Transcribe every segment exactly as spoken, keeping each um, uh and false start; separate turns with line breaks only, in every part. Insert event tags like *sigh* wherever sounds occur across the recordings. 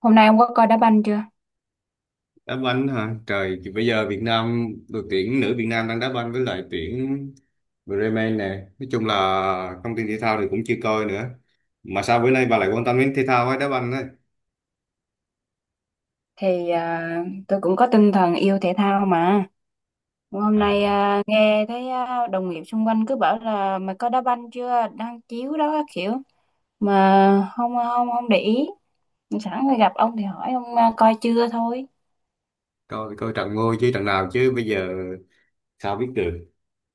Hôm nay ông có coi đá banh chưa?
Đá banh hả trời? Thì bây giờ Việt Nam, đội tuyển nữ Việt Nam đang đá banh với lại tuyển Bremen nè. Nói chung là thông tin thể thao thì cũng chưa coi nữa. Mà sao bữa nay bà lại quan tâm đến thể thao với đá banh đấy?
Thì à, tôi cũng có tinh thần yêu thể thao mà. Hôm nay
À,
à, nghe thấy à, đồng nghiệp xung quanh cứ bảo là mày coi đá banh chưa? Đang chiếu đó các kiểu mà không à, không không để ý. Sẵn phải gặp ông thì hỏi ông à, coi chưa thôi.
coi coi trận ngôi chứ, trận nào chứ bây giờ sao biết được.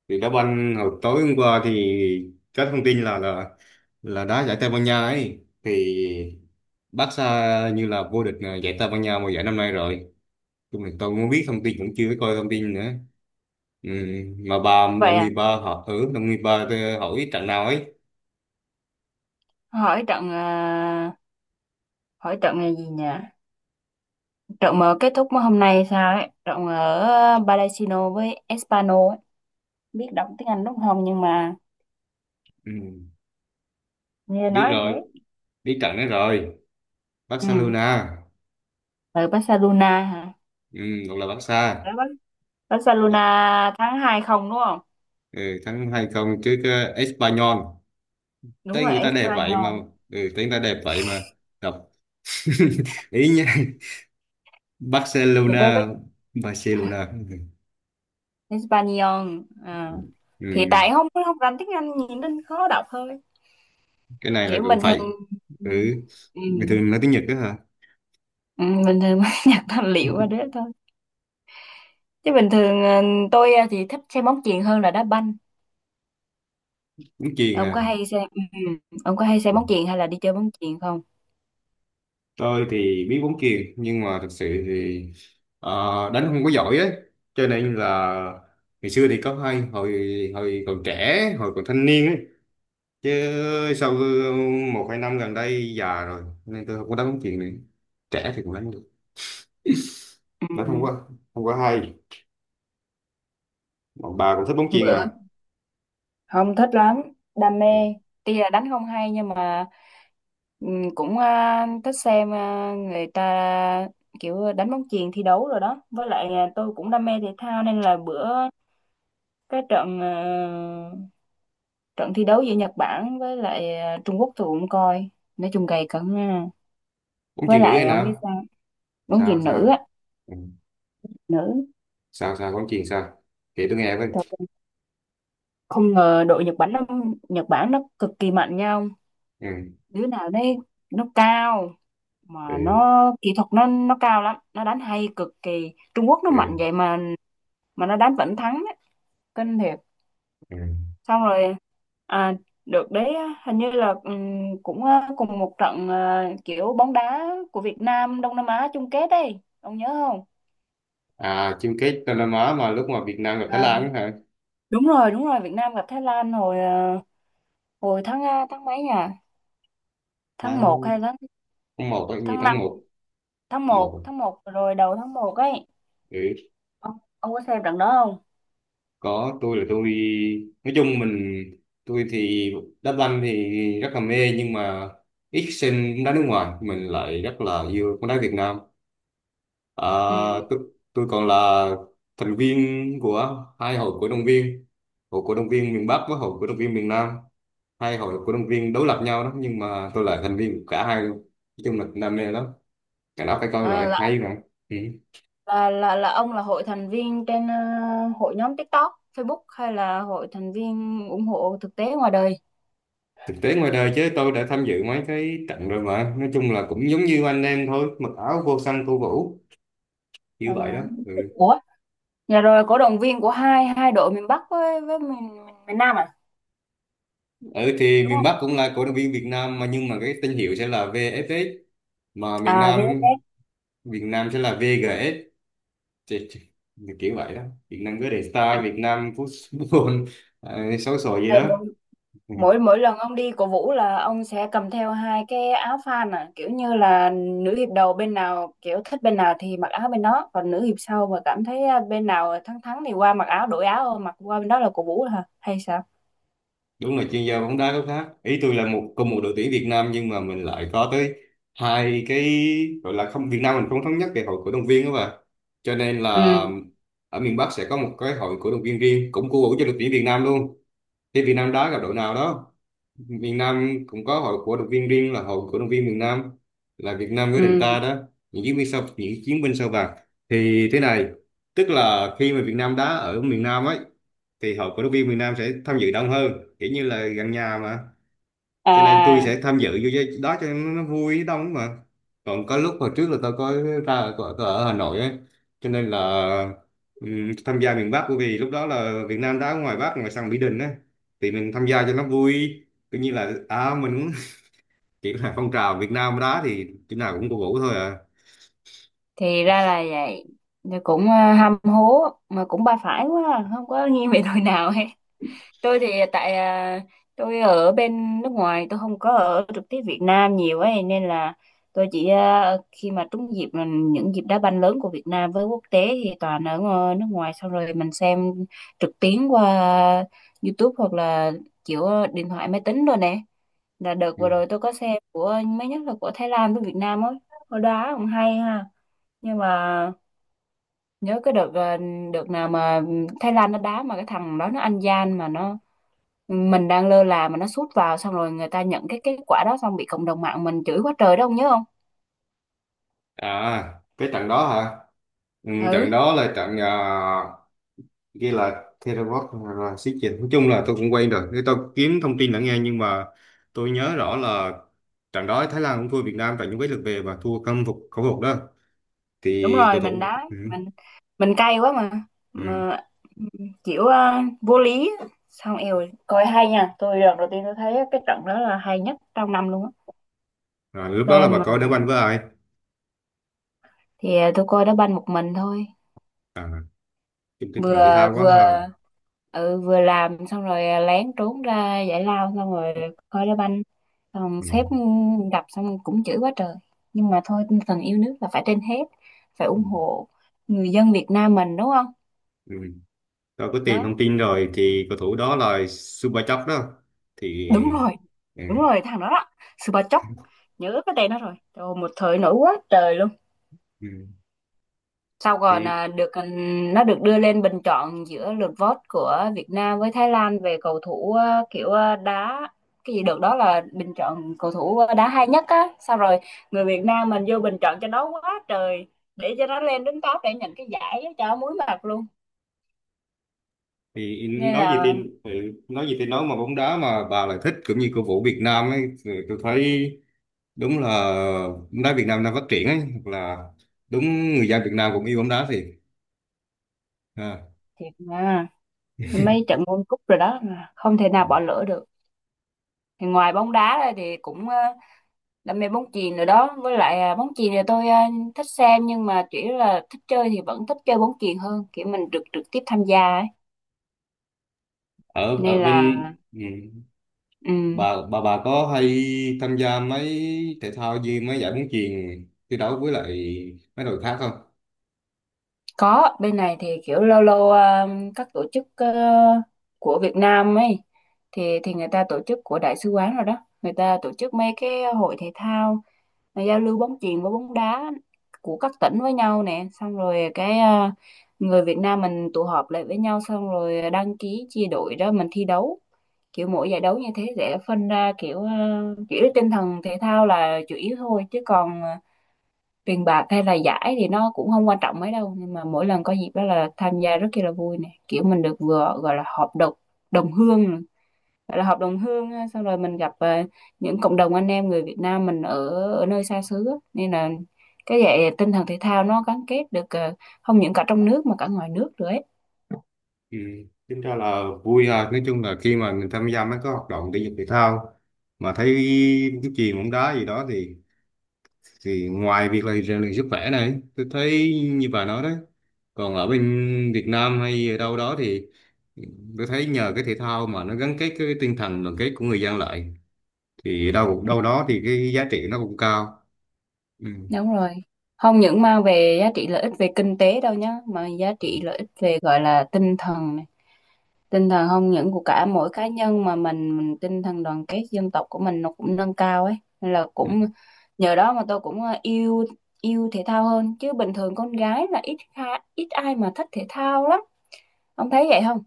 Thì đá banh hồi tối hôm qua thì có thông tin là là là đá giải Tây Ban Nha ấy, thì Barca như là vô địch à, giải Tây Ban Nha mùa giải năm nay rồi. Chung là tôi muốn biết thông tin cũng chưa có coi thông tin nữa. Ừ, mà bà
Vậy
đồng nghiệp,
à?
bà họ, ừ, đồng nghiệp bà thì hỏi trận nào ấy.
Hỏi trận à, hỏi trận là gì nhỉ? Trận mà kết thúc hôm nay sao ấy? Trận ở Balasino với Espano ấy. Biết đọc tiếng Anh đúng không, nhưng mà
Ừ,
nghe
biết
nói thế.
rồi, biết trận đấy rồi.
Ừ,
Barcelona,
ở Barcelona hả?
ừ, hoặc là Barca.
Barcelona tháng hai không đúng không?
Ừ, thắng hai không trước ờ, Espanyol.
Đúng
Tới
rồi,
người ta đẹp vậy mà.
Espanyol.
Ừ, tới người ta đẹp vậy mà đọc *laughs* ý nha.
Thì tôi có
Barcelona. Barcelona, ừ.
Espanyol. À.
Ừ.
Thì
Ừ.
tại không không rành tiếng Anh nhìn nên khó đọc thôi.
Cái này là
Kiểu
cũng
bình
phải.
thường ừ.
Ừ, bình thường nói tiếng Nhật đó hả?
Ừ, bình thường mới *laughs* nhặt tài liệu qua đấy thôi. Chứ bình thường ờ, tôi ờ, thì thích xem bóng chuyền hơn là đá banh.
Cũng chiền
Ông có
à?
hay xem ừ. ừ, Ông có hay xem
Ừ,
bóng chuyền hay là đi chơi bóng chuyền không?
tôi thì biết bóng chuyền, nhưng mà thực sự thì ờ, đánh không có giỏi ấy, cho nên là ngày xưa thì có hay, hồi hồi còn trẻ hồi còn thanh niên ấy, chứ sau một hai năm gần đây già rồi nên tôi không có đánh bóng chuyền nữa. Trẻ thì cũng đánh được,
Ừ.
đánh không có, không có hay. Bọn bà cũng thích bóng chuyền
Bữa
à?
không thích lắm, đam
Ừ.
mê tuy là đánh không hay, nhưng mà ừm, cũng à, thích xem à, người ta kiểu đánh bóng chuyền thi đấu rồi đó, với lại à, tôi cũng đam mê thể thao nên là bữa cái trận à, trận thi đấu giữa Nhật Bản với lại à, Trung Quốc tôi cũng coi, nói chung gay cấn ha.
Bóng
Với
chuyền nữ hay
lại ông biết
nào?
sao, bóng
Sao
chuyền nữ á,
sao? Ừ.
nữ,
Sao sao bóng chuyền sao? Kể tôi nghe với.
trời ơi, không ngờ đội Nhật Bản nó Nhật Bản nó cực kỳ mạnh nhau,
Ừ.
đứa nào đấy nó cao, mà
Ừ.
nó kỹ thuật nó nó cao lắm, nó đánh hay cực kỳ. Trung Quốc nó mạnh
Ừ.
vậy mà mà nó đánh vẫn thắng ấy. Kinh thiệt.
Ừ.
Xong rồi à, được đấy, hình như là ừm, cũng à, cùng một trận à, kiểu bóng đá của Việt Nam Đông Nam Á chung kết ấy, ông nhớ không?
À, chung kết Đông Nam Á mà lúc mà Việt Nam gặp Thái
Ờ,
Lan ấy hả?
đúng rồi đúng rồi Việt Nam gặp Thái Lan hồi à, hồi tháng à, tháng mấy nhỉ? Tháng
Tháng,
một hay tháng
tháng một á, như
tháng
tháng
năm,
một.
tháng
Một
một, tháng
à?
một rồi, đầu tháng một ấy.
Ừ.
Ông ông có xem trận đó không?
Có, tôi là tôi, nói chung mình, tôi thì đá banh thì rất là mê, nhưng mà ít xem bóng đá nước ngoài, mình lại rất là yêu bóng đá Việt Nam. À,
Ừ,
tôi, tôi còn là thành viên của hai hội cổ động viên, hội cổ động viên miền Bắc với hội cổ động viên miền Nam. Hai hội cổ động viên đối lập nhau đó, nhưng mà tôi là thành viên của cả hai luôn. Nói chung là đam mê lắm, cả đó phải coi rồi,
à,
hay mà. Ừ.
là là là ông là hội thành viên trên ờ, hội nhóm TikTok, Facebook, hay là hội thành viên ủng hộ thực tế ngoài đời?
Thực tế ngoài đời chứ, tôi đã tham dự mấy cái trận rồi, mà nói chung là cũng giống như anh em thôi, mặc áo vô xanh tô vũ
Ờ,
như vậy đó. Ừ.
ủa, nhà rồi cổ động viên của hai hai đội miền Bắc với với miền miền Nam à?
Ừ, thì
Đúng
miền
không?
Bắc cũng là cổ động viên Việt Nam mà, nhưng mà cái tên hiệu sẽ là vê ép ét, mà
À
miền Nam
vi ép ép.
Việt Nam sẽ là vê giê ét, thì, thì, kiểu vậy đó. Việt Nam cứ để Star Việt Nam Football *laughs* à, xấu xổ gì
Vậy
đó.
mỗi
Ừ.
mỗi mỗi lần ông đi cổ vũ là ông sẽ cầm theo hai cái áo fan à, kiểu như là nữ hiệp đầu bên nào, kiểu thích bên nào thì mặc áo bên đó, còn nữ hiệp sau mà cảm thấy ờ, bên nào thắng thắng thì qua mặc áo, đổi áo, mặc qua bên đó là cổ vũ hả? Hay sao?
Đúng là chuyên gia bóng đá gốc khác ý. Tôi là một, cùng một đội tuyển Việt Nam nhưng mà mình lại có tới hai cái, gọi là không, Việt Nam mình không thống nhất về hội cổ động viên đó mà, cho nên là
Ừ.
ở miền Bắc sẽ có một cái hội cổ động viên riêng, cũng cổ vũ cho đội tuyển Việt Nam luôn. Thì Việt Nam đá gặp đội nào đó, miền Nam cũng có hội cổ động viên riêng, là hội cổ động viên miền Nam, là Việt Nam với
Ừ.
đảng ta đó. Những chiến binh sao, những chiến binh sao vàng, thì thế này. Tức là khi mà Việt Nam đá ở miền Nam ấy, thì hội cổ động viên miền Nam sẽ tham dự đông hơn, kiểu như là gần nhà mà,
À
cho nên tôi
à,
sẽ tham dự vô cái đó cho nó vui đông mà. Còn có lúc hồi trước là tôi có ra, có, có ở Hà Nội ấy, cho nên là ừm, tham gia miền Bắc, bởi vì lúc đó là Việt Nam đá ngoài Bắc, ngoài sân Mỹ Đình ấy, thì mình tham gia cho nó vui. Cứ như là à, mình cũng *laughs* kiểu là phong trào, Việt Nam đá thì chỗ nào cũng cổ vũ thôi à.
thì ra là vậy. Thì cũng ờ, ham hố mà cũng ba phải quá à, không có nghiêng về đội nào hết. Tôi thì tại ờ, tôi ở bên nước ngoài, tôi không có ở trực tiếp Việt Nam nhiều ấy nên là tôi chỉ ờ, khi mà trúng dịp là những dịp đá banh lớn của Việt Nam với quốc tế thì toàn ở ngờ- nước ngoài xong rồi mình xem trực tuyến qua YouTube, hoặc là kiểu điện thoại máy tính rồi nè, là đợt vừa
Ừ.
rồi tôi có xem của mới nhất là của Thái Lan với Việt Nam ấy. Hồi đó cũng hay ha, nhưng mà nhớ cái đợt ờ, đợt nào mà Thái Lan nó đá mà cái thằng đó nó ăn gian mà nó, mình đang lơ là mà nó sút vào, xong rồi người ta nhận cái kết quả đó, xong bị cộng đồng mạng mình chửi quá trời đó, ông nhớ không?
À, cái trận đó hả? Ừ, trận
Ừ,
đó là trận à, ghi là Terabot là, là xí dịch, nói chung là tôi cũng quen rồi. Thế tôi kiếm thông tin đã nghe, nhưng mà tôi nhớ rõ là trận đó Thái Lan cũng thua Việt Nam tại những cái lượt về, và thua khâm phục khẩu phục đó,
đúng
thì
rồi,
cầu
mình
thủ,
đá
ừ.
mình mình cay quá mà
Ừ.
mà kiểu ờ, vô lý. Xong eo, coi hay nha, tôi lần đầu tiên tôi thấy cái trận đó là hay nhất trong năm luôn á.
Rồi, lúc đó là
Xem
bà
mà,
coi đá banh với ai?
thì tôi coi đá banh một mình thôi.
Chung tinh thần thể
vừa
thao quá
vừa
ha.
ừ, vừa làm xong rồi à, lén trốn ra giải lao xong rồi coi đá banh, xong
Ừ.
sếp gặp xong cũng chửi quá trời, nhưng mà thôi tinh thần yêu nước là phải trên hết, phải
Ừ.
ủng hộ người dân Việt Nam mình đúng không.
Ừ. Tôi có tìm thông
Đó
tin rồi, thì cầu thủ đó là Subachok đó, thì
đúng rồi,
ừ.
đúng rồi, thằng đó đó, Super Chóc, nhớ cái tên nó rồi. Trời ơi, một thời nổi quá trời luôn.
Ừ.
Sau còn
Thì
à, được ừ, nó được đưa lên bình chọn giữa lượt vote của Việt Nam với Thái Lan về cầu thủ à, kiểu à, đá cái gì được đó, là bình chọn cầu thủ à, đá hay nhất á. Sau rồi người Việt Nam mình vô bình chọn cho nó quá trời, để cho nó lên đến top để nhận cái giải á, cho muối mặt luôn.
thì
Nên
nói gì
là
thì ừ, nói gì thì nói, mà bóng đá mà bà lại thích cũng như cổ vũ Việt Nam ấy, thì tôi thấy đúng là bóng đá Việt Nam đang phát triển ấy, hoặc là đúng, người dân Việt Nam cũng yêu bóng đá thì, à.
thiệt mà, mấy trận World Cup rồi đó mà không thể nào bỏ lỡ được. Thì ngoài bóng đá ra thì cũng ờ, đam mê bóng chuyền rồi đó, với lại à, bóng chuyền thì tôi à, thích xem nhưng mà chỉ là thích chơi, thì vẫn thích chơi bóng chuyền hơn, kiểu mình trực trực tiếp tham gia ấy
Ở
nên
ở bên,
là
ừ,
ừ.
bà bà bà có hay tham gia mấy thể thao như mấy giải bóng chuyền thi đấu với lại mấy đội khác không?
Có, bên này thì kiểu lâu lâu ờ, các tổ chức ờ, của Việt Nam ấy thì thì người ta tổ chức của đại sứ quán rồi đó. Người ta tổ chức mấy cái hội thể thao mà giao lưu bóng chuyền với bóng đá của các tỉnh với nhau nè, xong rồi cái ờ, người Việt Nam mình tụ họp lại với nhau, xong rồi đăng ký chia đội đó mình thi đấu. Kiểu mỗi giải đấu như thế sẽ phân ra kiểu ờ, chỉ tinh thần thể thao là chủ yếu thôi, chứ còn ờ, tiền bạc hay là giải thì nó cũng không quan trọng mấy đâu, nhưng mà mỗi lần có dịp đó là tham gia rất kia là vui nè, kiểu mình được vừa gọi là họp đồng đồng hương nè, gọi là họp đồng hương á. Xong rồi mình gặp ờ, những cộng đồng anh em người Việt Nam mình ở ở nơi xa xứ á, nên là cái vậy tinh thần thể thao nó gắn kết được ờ, không những cả trong nước mà cả ngoài nước nữa ấy.
Ừ. Tính ra là vui à. Nói chung là khi mà mình tham gia mấy cái hoạt động thể dục thể thao mà thấy bóng chuyền, bóng đá gì đó thì thì ngoài việc là rèn luyện sức khỏe này, tôi thấy như bà nói đấy, còn ở bên Việt Nam hay ở đâu đó thì tôi thấy nhờ cái thể thao mà nó gắn kết cái tinh thần đoàn kết của người dân lại, thì đâu đâu đó thì cái giá trị nó cũng cao. Ừ.
Đúng rồi. Không những mang về giá trị lợi ích về kinh tế đâu nhá, mà giá trị lợi ích về gọi là tinh thần này. Tinh thần không những của cả mỗi cá nhân mà mình, mình tinh thần đoàn kết dân tộc của mình nó cũng nâng cao ấy. Nên là
Ừ.
cũng nhờ đó mà tôi cũng ờ, yêu yêu thể thao hơn, chứ bình thường con gái là ít kha, ít ai mà thích thể thao lắm. Ông thấy vậy không?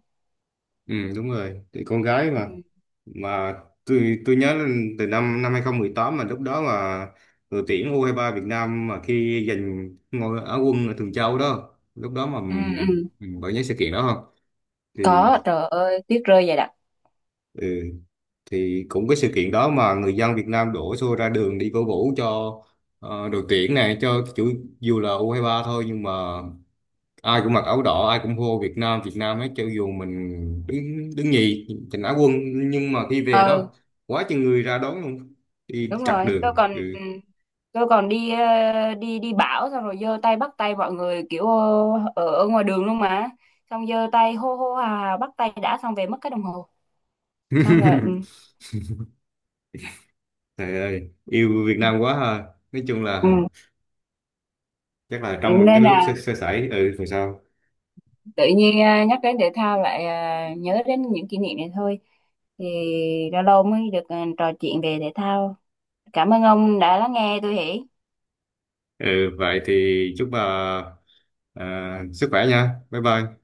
Ừ, đúng rồi, thì con gái mà
Ừ.
mà tôi tôi nhớ là từ năm năm hai không một tám, mà lúc đó mà đội tuyển u hai ba Việt Nam mà khi giành ngôi Á quân ở Thường Châu đó, lúc đó mà,
Ừ, ừ.
ừ, bạn nhớ sự kiện đó không? Thì
Có, trời ơi, tuyết rơi vậy
ừ, thì cũng cái sự kiện đó mà người dân Việt Nam đổ xô ra đường đi cổ vũ cho ờ, đội tuyển này cho chủ, dù là u hai ba thôi, nhưng mà ai cũng mặc áo đỏ, ai cũng hô Việt Nam Việt Nam ấy, cho dù mình đứng đứng nhì giành Á quân, nhưng mà khi về
đặc.
đó quá chừng người ra đón luôn, đi
Đúng
chặt
rồi, tôi
đường,
còn
ừ.
tôi còn đi ờ, đi đi bão, xong rồi giơ tay bắt tay mọi người kiểu ờ, ở, ở ngoài đường luôn mà, xong giơ tay hô hô hào hào bắt tay đã, xong về mất cái đồng hồ, xong rồi ừ,
*laughs* Trời ơi, yêu Việt Nam quá ha. Nói chung
ừ,
là chắc là trong cái
nên
lúc sơ,
là
sơ sẩy ừ rồi sao.
tự nhiên ờ, nhắc đến thể thao lại ờ, nhớ đến những kỷ niệm này thôi. Thì lâu lâu mới được ờ, trò chuyện về thể thao, cảm ơn ông đã lắng nghe tôi hỉ.
Ừ, vậy thì chúc bà à, sức khỏe nha, bye bye.